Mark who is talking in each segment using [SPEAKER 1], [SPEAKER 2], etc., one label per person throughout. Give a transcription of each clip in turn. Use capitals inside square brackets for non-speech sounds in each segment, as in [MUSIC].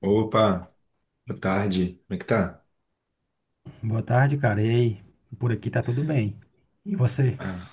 [SPEAKER 1] Opa, boa tarde. Como é que tá?
[SPEAKER 2] Boa tarde, cara. E aí? Por aqui tá tudo bem. E você?
[SPEAKER 1] Ah,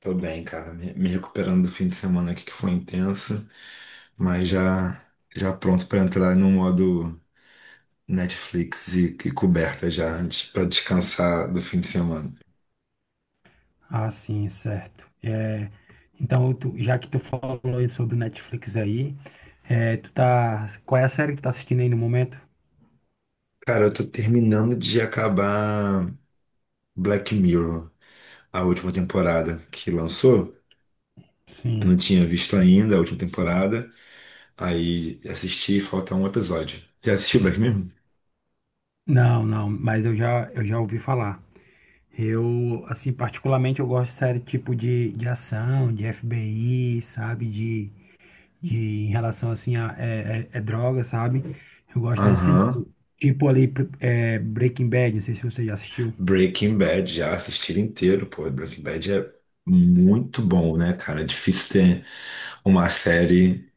[SPEAKER 1] tô bem, cara. Me recuperando do fim de semana aqui que foi intenso, mas já já pronto pra entrar no modo Netflix e coberta já antes para descansar do fim de semana.
[SPEAKER 2] Ah, sim, certo. É, então, já que tu falou aí sobre o Netflix aí, qual é a série que tu tá assistindo aí no momento?
[SPEAKER 1] Cara, eu tô terminando de acabar Black Mirror, a última temporada que lançou. Eu não
[SPEAKER 2] Sim.
[SPEAKER 1] tinha visto ainda a última temporada, aí assisti, falta um episódio. Já assistiu Black Mirror?
[SPEAKER 2] Não, não, mas eu já ouvi falar. Eu, assim, particularmente eu gosto de série tipo de ação, de FBI, sabe? De em relação, assim, a droga, sabe? Eu gosto nesse
[SPEAKER 1] Aham.
[SPEAKER 2] sentido. Tipo ali, Breaking Bad, não sei se você já assistiu.
[SPEAKER 1] Breaking Bad, já assisti inteiro, pô. Breaking Bad é muito bom, né, cara? É difícil ter uma série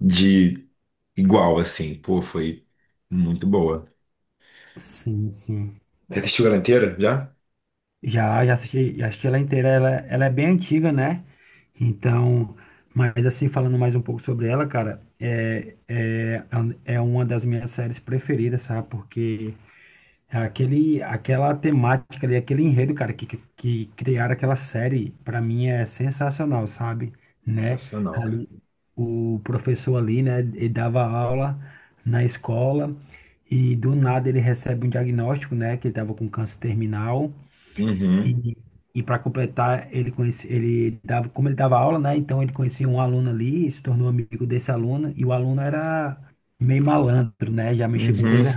[SPEAKER 1] de igual, assim. Pô, foi muito boa.
[SPEAKER 2] Sim, sim.
[SPEAKER 1] Já assistiu ela inteira? Já?
[SPEAKER 2] Já assisti ela inteira. Ela é bem antiga, né? Então, mas assim, falando mais um pouco sobre ela, cara, é uma das minhas séries preferidas, sabe? Porque é aquela temática ali, aquele enredo, cara, que criaram aquela série, pra mim é sensacional, sabe? Né?
[SPEAKER 1] Sensacional, cara.
[SPEAKER 2] Ali, o professor ali, né, ele dava aula na escola e do nada ele recebe um diagnóstico, né, que ele tava com câncer terminal
[SPEAKER 1] Uhum,
[SPEAKER 2] e, e para completar, ele dava, como ele dava aula, né, então ele conhecia um aluno ali, se tornou amigo desse aluno e o aluno era meio malandro, né, já mexia com
[SPEAKER 1] uhum,
[SPEAKER 2] coisa.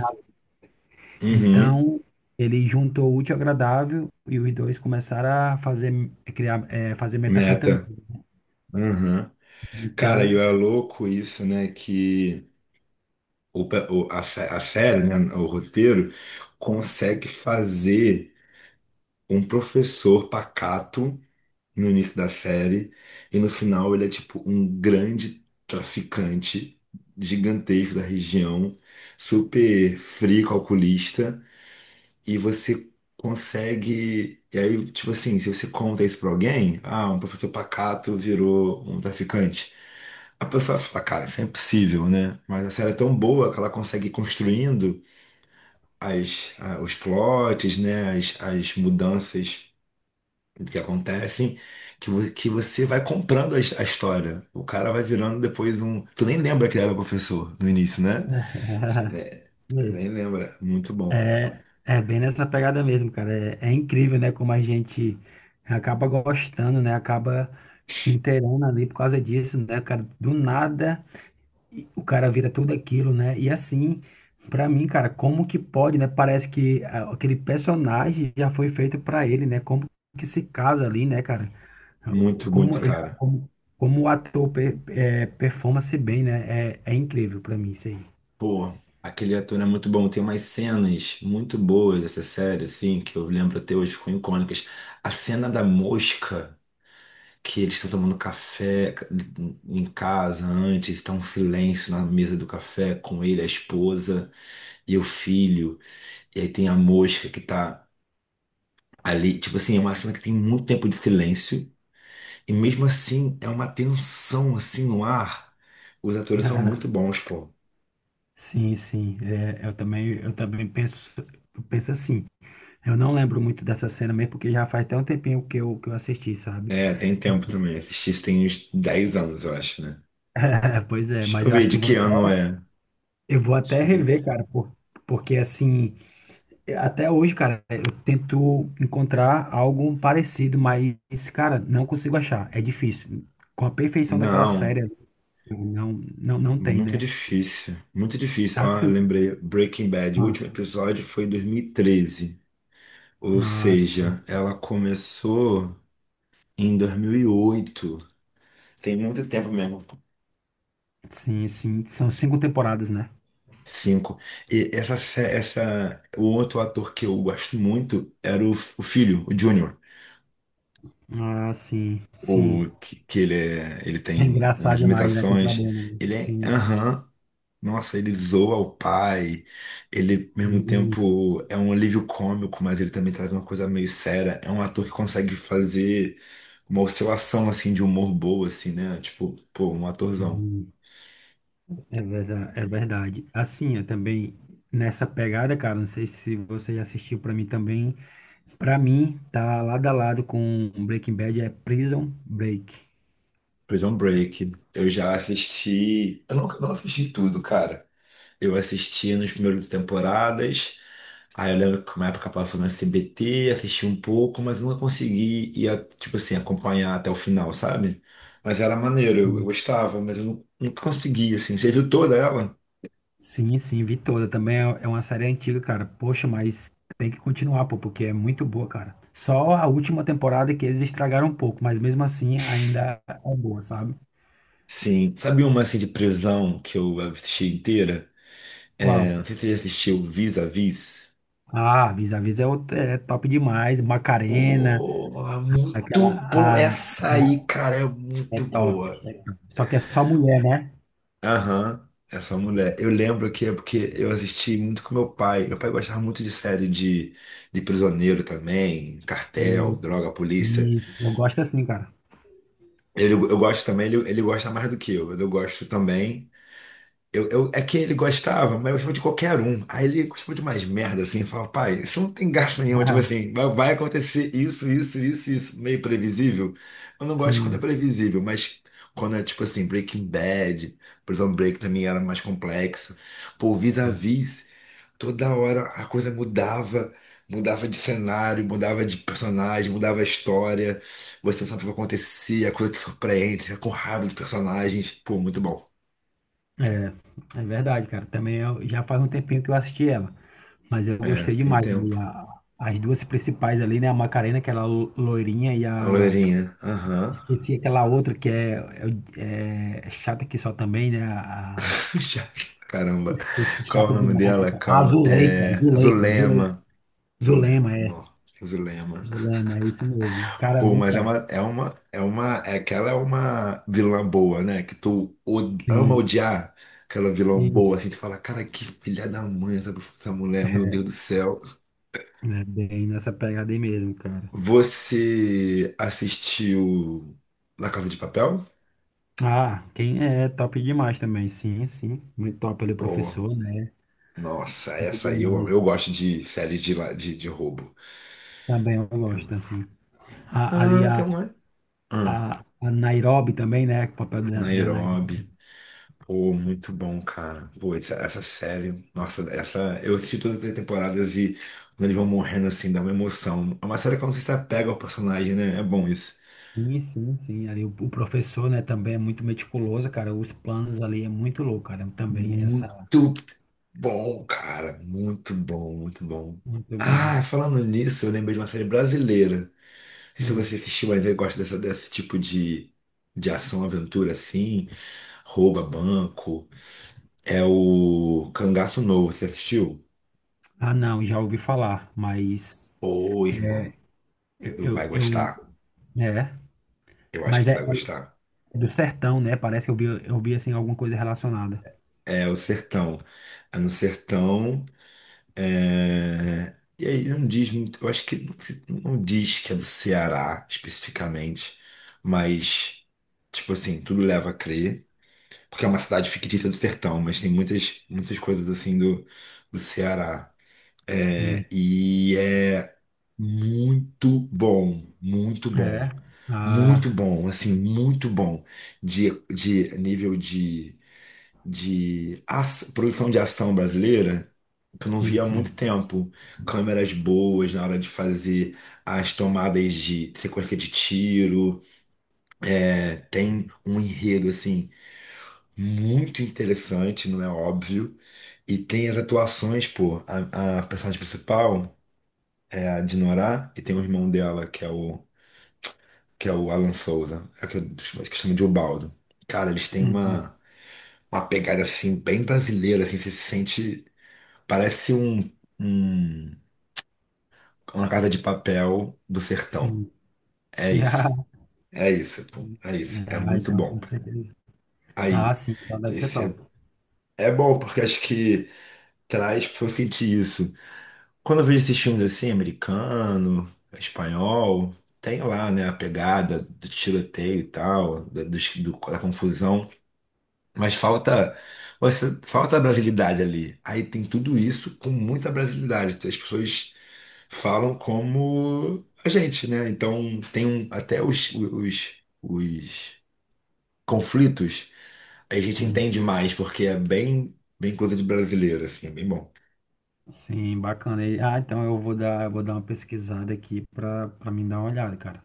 [SPEAKER 1] uhum.
[SPEAKER 2] Então, ele juntou o útil ao agradável e os dois começaram a fazer, a criar, fazer metanfetamina.
[SPEAKER 1] Meta. Uhum. Cara, e
[SPEAKER 2] Então,
[SPEAKER 1] é louco isso, né? Que o, pe- o- a, sé- a série, né, o roteiro, consegue fazer um professor pacato no início da série, e no final ele é tipo um grande traficante gigantesco da região, super frio, calculista, e você consegue. E aí, tipo assim, se você conta isso pra alguém, ah, um professor pacato virou um traficante. A pessoa fala, cara, isso é impossível, né? Mas a série é tão boa que ela consegue ir construindo os plots, né? As mudanças, o que acontece, que que você vai comprando a história. O cara vai virando depois um. Tu nem lembra que ele era professor no início, né? Você
[SPEAKER 2] [LAUGHS]
[SPEAKER 1] ne-
[SPEAKER 2] isso
[SPEAKER 1] você
[SPEAKER 2] mesmo.
[SPEAKER 1] nem lembra. Muito bom.
[SPEAKER 2] É bem nessa pegada mesmo, cara. É incrível, né? Como a gente acaba gostando, né? Acaba se inteirando ali por causa disso, né, cara? Do nada. E o cara vira tudo aquilo, né? E assim, pra mim, cara, como que pode, né? Parece que aquele personagem já foi feito pra ele, né? Como que se casa ali, né, cara? O-
[SPEAKER 1] Muito,
[SPEAKER 2] Como
[SPEAKER 1] muito,
[SPEAKER 2] ele,
[SPEAKER 1] cara.
[SPEAKER 2] como, como o ator performa-se bem, né? É incrível pra mim isso aí. [LAUGHS]
[SPEAKER 1] Pô, aquele ator é muito bom. Tem umas cenas muito boas dessa série, assim, que eu lembro até hoje, ficam icônicas. A cena da mosca. Que eles estão tomando café em casa antes, está um silêncio na mesa do café com ele, a esposa e o filho. E aí tem a mosca que tá ali. Tipo assim, é uma cena que tem muito tempo de silêncio. E mesmo assim, é uma tensão assim no ar. Os atores são
[SPEAKER 2] Ah,
[SPEAKER 1] muito bons, pô.
[SPEAKER 2] sim, sim. É, eu também penso, eu penso assim. Eu não lembro muito dessa cena mesmo, porque já faz até um tempinho que eu assisti, sabe?
[SPEAKER 1] É, tem tempo também. Assisti isso tem uns 10 anos, eu acho, né?
[SPEAKER 2] [LAUGHS] Pois é,
[SPEAKER 1] Deixa
[SPEAKER 2] mas
[SPEAKER 1] eu
[SPEAKER 2] eu
[SPEAKER 1] ver
[SPEAKER 2] acho que
[SPEAKER 1] de
[SPEAKER 2] eu vou
[SPEAKER 1] que ano é.
[SPEAKER 2] Eu vou
[SPEAKER 1] Deixa
[SPEAKER 2] até
[SPEAKER 1] eu ver.
[SPEAKER 2] rever, cara, porque assim, até hoje, cara, eu tento encontrar algo parecido, mas, cara, não consigo achar. É difícil. Com a perfeição daquela
[SPEAKER 1] Não,
[SPEAKER 2] série, não, não, não tem,
[SPEAKER 1] muito
[SPEAKER 2] né?
[SPEAKER 1] difícil. Muito difícil. Ó, eu
[SPEAKER 2] Assim.
[SPEAKER 1] lembrei. Breaking Bad, o
[SPEAKER 2] Ah,
[SPEAKER 1] último episódio foi em 2013. Ou
[SPEAKER 2] sim,
[SPEAKER 1] seja, ela começou em 2008. Tem muito tempo mesmo.
[SPEAKER 2] sim, sim. São cinco temporadas, né?
[SPEAKER 1] Cinco. E essa, o outro ator que eu gosto muito era o filho, o Júnior.
[SPEAKER 2] Ah, sim,
[SPEAKER 1] O
[SPEAKER 2] sim.
[SPEAKER 1] que, que ele é, ele
[SPEAKER 2] É
[SPEAKER 1] tem umas
[SPEAKER 2] engraçado demais, né? Tem
[SPEAKER 1] limitações.
[SPEAKER 2] problema, né?
[SPEAKER 1] Ele é,
[SPEAKER 2] Sim,
[SPEAKER 1] aham, nossa, ele zoa o pai. Ele, ao mesmo tempo, é um alívio cômico, mas ele também traz uma coisa meio séria. É um ator que consegue fazer uma oscilação, assim, de humor boa, assim, né? Tipo, pô, um atorzão.
[SPEAKER 2] sim. É verdade, é verdade. Assim, eu também, nessa pegada, cara, não sei se você já assistiu pra mim também. Pra mim, tá lado a lado com Breaking Bad é Prison Break.
[SPEAKER 1] Prison Break. Eu já assisti. Eu não assisti tudo, cara. Eu assisti nos primeiros temporadas. Aí eu lembro que uma época passou na CBT, assisti um pouco, mas nunca consegui ir, tipo assim, acompanhar até o final, sabe? Mas era maneiro, eu
[SPEAKER 2] Sim.
[SPEAKER 1] gostava, mas eu nunca consegui, assim. Você viu toda ela?
[SPEAKER 2] Sim, sim, vi toda. Também é uma série antiga, cara. Poxa, mas tem que continuar, pô, porque é muito boa, cara. Só a última temporada que eles estragaram um pouco, mas mesmo assim ainda é boa, sabe?
[SPEAKER 1] Sim. Sabe uma, assim, de prisão que eu assisti inteira? É,
[SPEAKER 2] Qual?
[SPEAKER 1] não sei se você já assistiu Vis-a-Vis.
[SPEAKER 2] Ah, Vis-a-Vis é top demais. Macarena,
[SPEAKER 1] Pô,
[SPEAKER 2] aquela,
[SPEAKER 1] muito boa.
[SPEAKER 2] a-
[SPEAKER 1] Essa aí,
[SPEAKER 2] aquela
[SPEAKER 1] cara, é
[SPEAKER 2] é
[SPEAKER 1] muito
[SPEAKER 2] top.
[SPEAKER 1] boa.
[SPEAKER 2] É top. Só que é só mulher, né?
[SPEAKER 1] Aham, essa mulher. Eu lembro que é porque eu assisti muito com meu pai. Meu pai gostava muito de série de prisioneiro também, cartel,
[SPEAKER 2] E-
[SPEAKER 1] droga, polícia.
[SPEAKER 2] isso, eu gosto assim, cara.
[SPEAKER 1] Ele, eu gosto também, ele gosta mais do que eu. Eu gosto também. É que ele gostava, mas eu gostava de qualquer um. Aí ele gostava de mais merda, assim, falava, pai, isso não tem gasto nenhum, tipo assim,
[SPEAKER 2] [LAUGHS]
[SPEAKER 1] vai, vai acontecer isso, isso, isso, isso, meio previsível. Eu não gosto quando é
[SPEAKER 2] Sim.
[SPEAKER 1] previsível, mas quando é tipo assim, Breaking Bad, Prison Break também era mais complexo. Pô, Vis-a-Vis, toda hora a coisa mudava, mudava de cenário, mudava de personagem, mudava a história. Você não sabe o que vai acontecer, a coisa te surpreende, fica com raiva dos personagens. Pô, muito bom,
[SPEAKER 2] É. É verdade, cara. Também já faz um tempinho que eu assisti ela, mas eu
[SPEAKER 1] né?
[SPEAKER 2] gostei
[SPEAKER 1] Tem
[SPEAKER 2] demais, né?
[SPEAKER 1] tempo.
[SPEAKER 2] As duas principais ali, né? A Macarena, aquela loirinha, e
[SPEAKER 1] A
[SPEAKER 2] a.
[SPEAKER 1] loirinha. Aham.
[SPEAKER 2] Esqueci aquela outra que é, chata que só também, né?
[SPEAKER 1] [LAUGHS] Já- Caramba.
[SPEAKER 2] Esqueci,
[SPEAKER 1] Qual é o
[SPEAKER 2] chata
[SPEAKER 1] nome
[SPEAKER 2] demais, né?
[SPEAKER 1] dela?
[SPEAKER 2] A
[SPEAKER 1] Calma.
[SPEAKER 2] Zuleika,
[SPEAKER 1] É
[SPEAKER 2] Zuleika, Zuleika.
[SPEAKER 1] Zulema. Zulema.
[SPEAKER 2] Zulema, é.
[SPEAKER 1] Não. Zulema.
[SPEAKER 2] Zulema, é isso mesmo. Cara,
[SPEAKER 1] Pô,
[SPEAKER 2] muito
[SPEAKER 1] mas é
[SPEAKER 2] da hora.
[SPEAKER 1] uma, é uma, é uma, é que ela é uma vilã boa, né? Que tu ama
[SPEAKER 2] Sim,
[SPEAKER 1] odiar aquela vilã boa,
[SPEAKER 2] isso.
[SPEAKER 1] assim, tu fala, cara, que filha da mãe essa, essa mulher, meu Deus do céu.
[SPEAKER 2] É bem nessa pegada aí mesmo, cara.
[SPEAKER 1] Você assistiu La Casa de Papel?
[SPEAKER 2] Ah, quem é é top demais também. Sim, sim. Muito top ele,
[SPEAKER 1] Pô,
[SPEAKER 2] professor, né?
[SPEAKER 1] nossa,
[SPEAKER 2] Top
[SPEAKER 1] essa aí eu,
[SPEAKER 2] demais.
[SPEAKER 1] eu gosto de série de roubo.
[SPEAKER 2] Também eu gosto, assim. Ali
[SPEAKER 1] Ah,
[SPEAKER 2] a,
[SPEAKER 1] tem uma. Ah,
[SPEAKER 2] a, a Nairobi também, né? O papel da Nairobi.
[SPEAKER 1] Nairobi. Pô, muito bom, cara. Pô, essa série. Nossa, essa. Eu assisti todas as temporadas e quando eles vão morrendo assim, dá uma emoção. É uma série que eu não sei se apega ao personagem, né? É bom isso.
[SPEAKER 2] Sim, sim, sim. Ali o professor, né, também é muito meticuloso, cara. Os planos ali é muito louco, cara. Também, essa,
[SPEAKER 1] Muito bom, cara. Muito bom, muito bom.
[SPEAKER 2] muito bom.
[SPEAKER 1] Ah, falando nisso, eu lembrei de uma série brasileira. Não sei se
[SPEAKER 2] Hum.
[SPEAKER 1] você assistiu ainda e gosta desse tipo de ação, aventura assim, rouba banco. É o Cangaço Novo, você assistiu?
[SPEAKER 2] Ah, não, já ouvi falar, mas
[SPEAKER 1] Ô, irmão, tu
[SPEAKER 2] eu,
[SPEAKER 1] vai
[SPEAKER 2] eu, eu
[SPEAKER 1] gostar.
[SPEAKER 2] é.
[SPEAKER 1] Eu acho que
[SPEAKER 2] Mas
[SPEAKER 1] você vai gostar.
[SPEAKER 2] é do sertão, né? Parece que eu vi, assim, alguma coisa relacionada.
[SPEAKER 1] É o Sertão. É no Sertão. É... E aí não diz muito. Eu acho que não, não diz que é do Ceará especificamente, mas tipo assim, tudo leva a crer. Porque é uma cidade fictícia do sertão, mas tem muitas, muitas coisas assim do, do Ceará.
[SPEAKER 2] Sim,
[SPEAKER 1] É, e é muito bom, muito
[SPEAKER 2] é.
[SPEAKER 1] bom.
[SPEAKER 2] Ah,
[SPEAKER 1] Muito bom, assim, muito bom de nível de produção de ação brasileira, que eu não
[SPEAKER 2] sim,
[SPEAKER 1] via há
[SPEAKER 2] sim.
[SPEAKER 1] muito tempo. Câmeras boas na hora de fazer as tomadas de sequência de tiro. É, tem um enredo, assim, muito interessante, não é óbvio. E tem as atuações, pô, a personagem principal é a Dinorah, e tem o irmão dela, que é o Alan Souza, é o que, que chama de Ubaldo. Cara, eles têm
[SPEAKER 2] Uhum.
[SPEAKER 1] uma pegada assim, bem brasileira, assim, você se sente. Parece um- uma casa de papel do sertão.
[SPEAKER 2] Sim,
[SPEAKER 1] É
[SPEAKER 2] sim.
[SPEAKER 1] isso,
[SPEAKER 2] [LAUGHS]
[SPEAKER 1] é isso, pô, é isso, é
[SPEAKER 2] Ah,
[SPEAKER 1] muito
[SPEAKER 2] então,
[SPEAKER 1] bom.
[SPEAKER 2] com certeza. Ah,
[SPEAKER 1] Aí,
[SPEAKER 2] sim, então deve ser
[SPEAKER 1] esse
[SPEAKER 2] top.
[SPEAKER 1] é bom, porque acho que traz pra eu sentir isso. Quando eu vejo esses filmes assim, americano, espanhol, tem lá, né, a pegada do tiroteio e tal, da confusão. Mas falta, falta a brasilidade ali. Aí tem tudo isso com muita brasilidade. As pessoas falam como a gente, né? Então tem um- até
[SPEAKER 2] Sim,
[SPEAKER 1] os, os, os conflitos a gente
[SPEAKER 2] sim,
[SPEAKER 1] entende mais, porque é bem, bem coisa de brasileiro, assim, é bem bom.
[SPEAKER 2] Sim, bacana. Ah, então eu vou dar uma pesquisada aqui pra mim dar uma olhada, cara.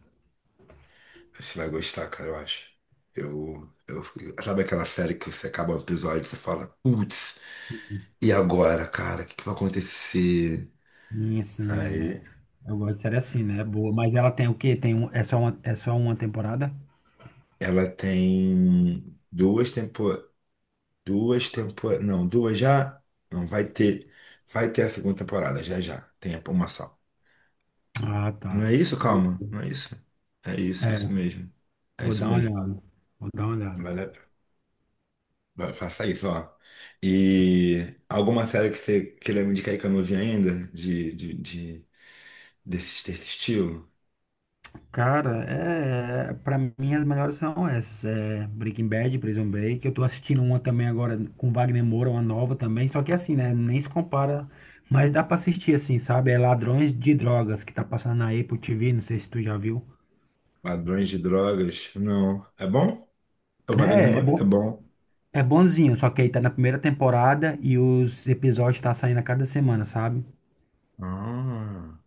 [SPEAKER 1] Você vai gostar, cara, eu acho. Eu, eu, sabe aquela série que você acaba o episódio e você fala, putz, e agora, cara, o que que vai acontecer?
[SPEAKER 2] E assim,
[SPEAKER 1] Aí
[SPEAKER 2] eu gosto de série assim, né? É boa. Mas ela tem o quê? É só uma temporada?
[SPEAKER 1] ela tem não, duas já, não vai ter, vai ter a segunda temporada já já, tem uma só.
[SPEAKER 2] Ah, tá.
[SPEAKER 1] Não é isso, calma, não é isso. É isso,
[SPEAKER 2] É,
[SPEAKER 1] isso mesmo. É
[SPEAKER 2] vou
[SPEAKER 1] isso
[SPEAKER 2] dar uma
[SPEAKER 1] mesmo.
[SPEAKER 2] olhada. Vou dar uma olhada.
[SPEAKER 1] Vale, faça isso, ó. E alguma série que você queira me indicar aí que eu não vi ainda desse, desse estilo?
[SPEAKER 2] Cara, para mim as melhores são essas, é Breaking Bad, Prison Break. Eu tô assistindo uma também agora com Wagner Moura, uma nova também, só que assim, né, nem se compara, mas dá pra assistir assim, sabe? É Ladrões de Drogas que tá passando na Apple TV, não sei se tu já viu.
[SPEAKER 1] Ladrões de drogas? Não. É bom? O Wagner
[SPEAKER 2] É
[SPEAKER 1] Moura é
[SPEAKER 2] bom,
[SPEAKER 1] bom.
[SPEAKER 2] é bonzinho, só que aí tá na primeira temporada e os episódios tá saindo a cada semana, sabe?
[SPEAKER 1] Ah.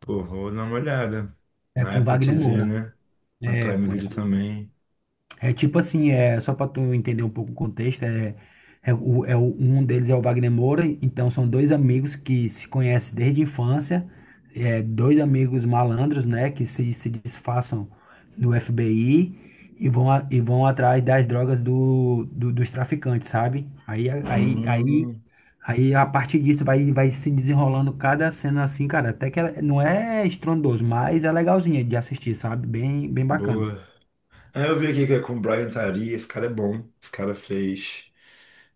[SPEAKER 1] Pô, vou dar uma olhada.
[SPEAKER 2] É
[SPEAKER 1] Na
[SPEAKER 2] com
[SPEAKER 1] Apple
[SPEAKER 2] Wagner
[SPEAKER 1] TV,
[SPEAKER 2] Moura.
[SPEAKER 1] né? Na
[SPEAKER 2] É,
[SPEAKER 1] Prime Video também.
[SPEAKER 2] É tipo assim, é só para tu entender um pouco o contexto, um deles é o Wagner Moura, então são dois amigos que se conhecem desde a infância, dois amigos malandros, né, que se disfarçam do FBI e vão atrás das drogas dos traficantes, sabe? Aí, a- aí, aí,
[SPEAKER 1] Hum,
[SPEAKER 2] aí a partir disso vai se desenrolando cada cena assim, cara, até que ela não é estrondoso, mas é legalzinha de assistir, sabe? Bem, bem bacana.
[SPEAKER 1] boa. Ah, eu vi aqui que é com o Brian Tari. Esse cara é bom. Esse cara fez.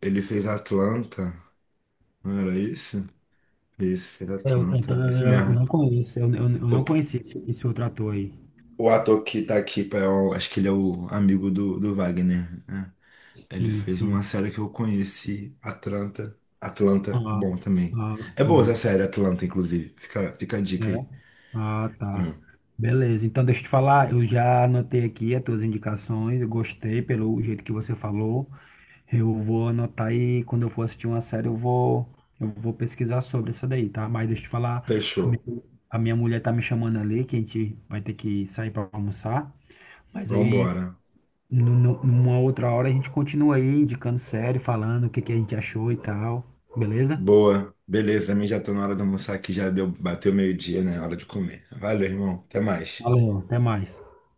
[SPEAKER 1] Ele fez Atlanta. Não era isso? Isso, fez
[SPEAKER 2] Então,
[SPEAKER 1] Atlanta. Esse
[SPEAKER 2] eu
[SPEAKER 1] mesmo.
[SPEAKER 2] não conheço, eu
[SPEAKER 1] O,
[SPEAKER 2] não conheci esse outro ator aí.
[SPEAKER 1] o ator que tá aqui, pá, é acho que ele é o amigo do, do Wagner, né? Ele
[SPEAKER 2] Sim,
[SPEAKER 1] fez uma
[SPEAKER 2] sim.
[SPEAKER 1] série que eu conheci, Atlanta. Atlanta é
[SPEAKER 2] Ah,
[SPEAKER 1] bom também. É boa essa
[SPEAKER 2] sim.
[SPEAKER 1] série, Atlanta, inclusive. Fica a
[SPEAKER 2] É.
[SPEAKER 1] dica aí.
[SPEAKER 2] Ah, tá.
[SPEAKER 1] Hum.
[SPEAKER 2] Beleza. Então, deixa eu te falar, eu já anotei aqui as tuas indicações, eu gostei pelo jeito que você falou. Eu vou anotar e quando eu for assistir uma série, eu vou pesquisar sobre essa daí, tá? Mas deixa eu te falar, a minha,
[SPEAKER 1] Fechou.
[SPEAKER 2] a minha mulher tá me chamando ali, que a gente vai ter que sair para almoçar. Mas aí
[SPEAKER 1] Vambora.
[SPEAKER 2] numa outra hora a gente continua aí indicando série, falando o que que a gente achou e tal. Beleza?
[SPEAKER 1] Boa. Beleza, a já tô na hora de almoçar aqui, já deu, bateu meio-dia, né? Hora de comer. Valeu, irmão. Até mais.
[SPEAKER 2] Valeu, até mais.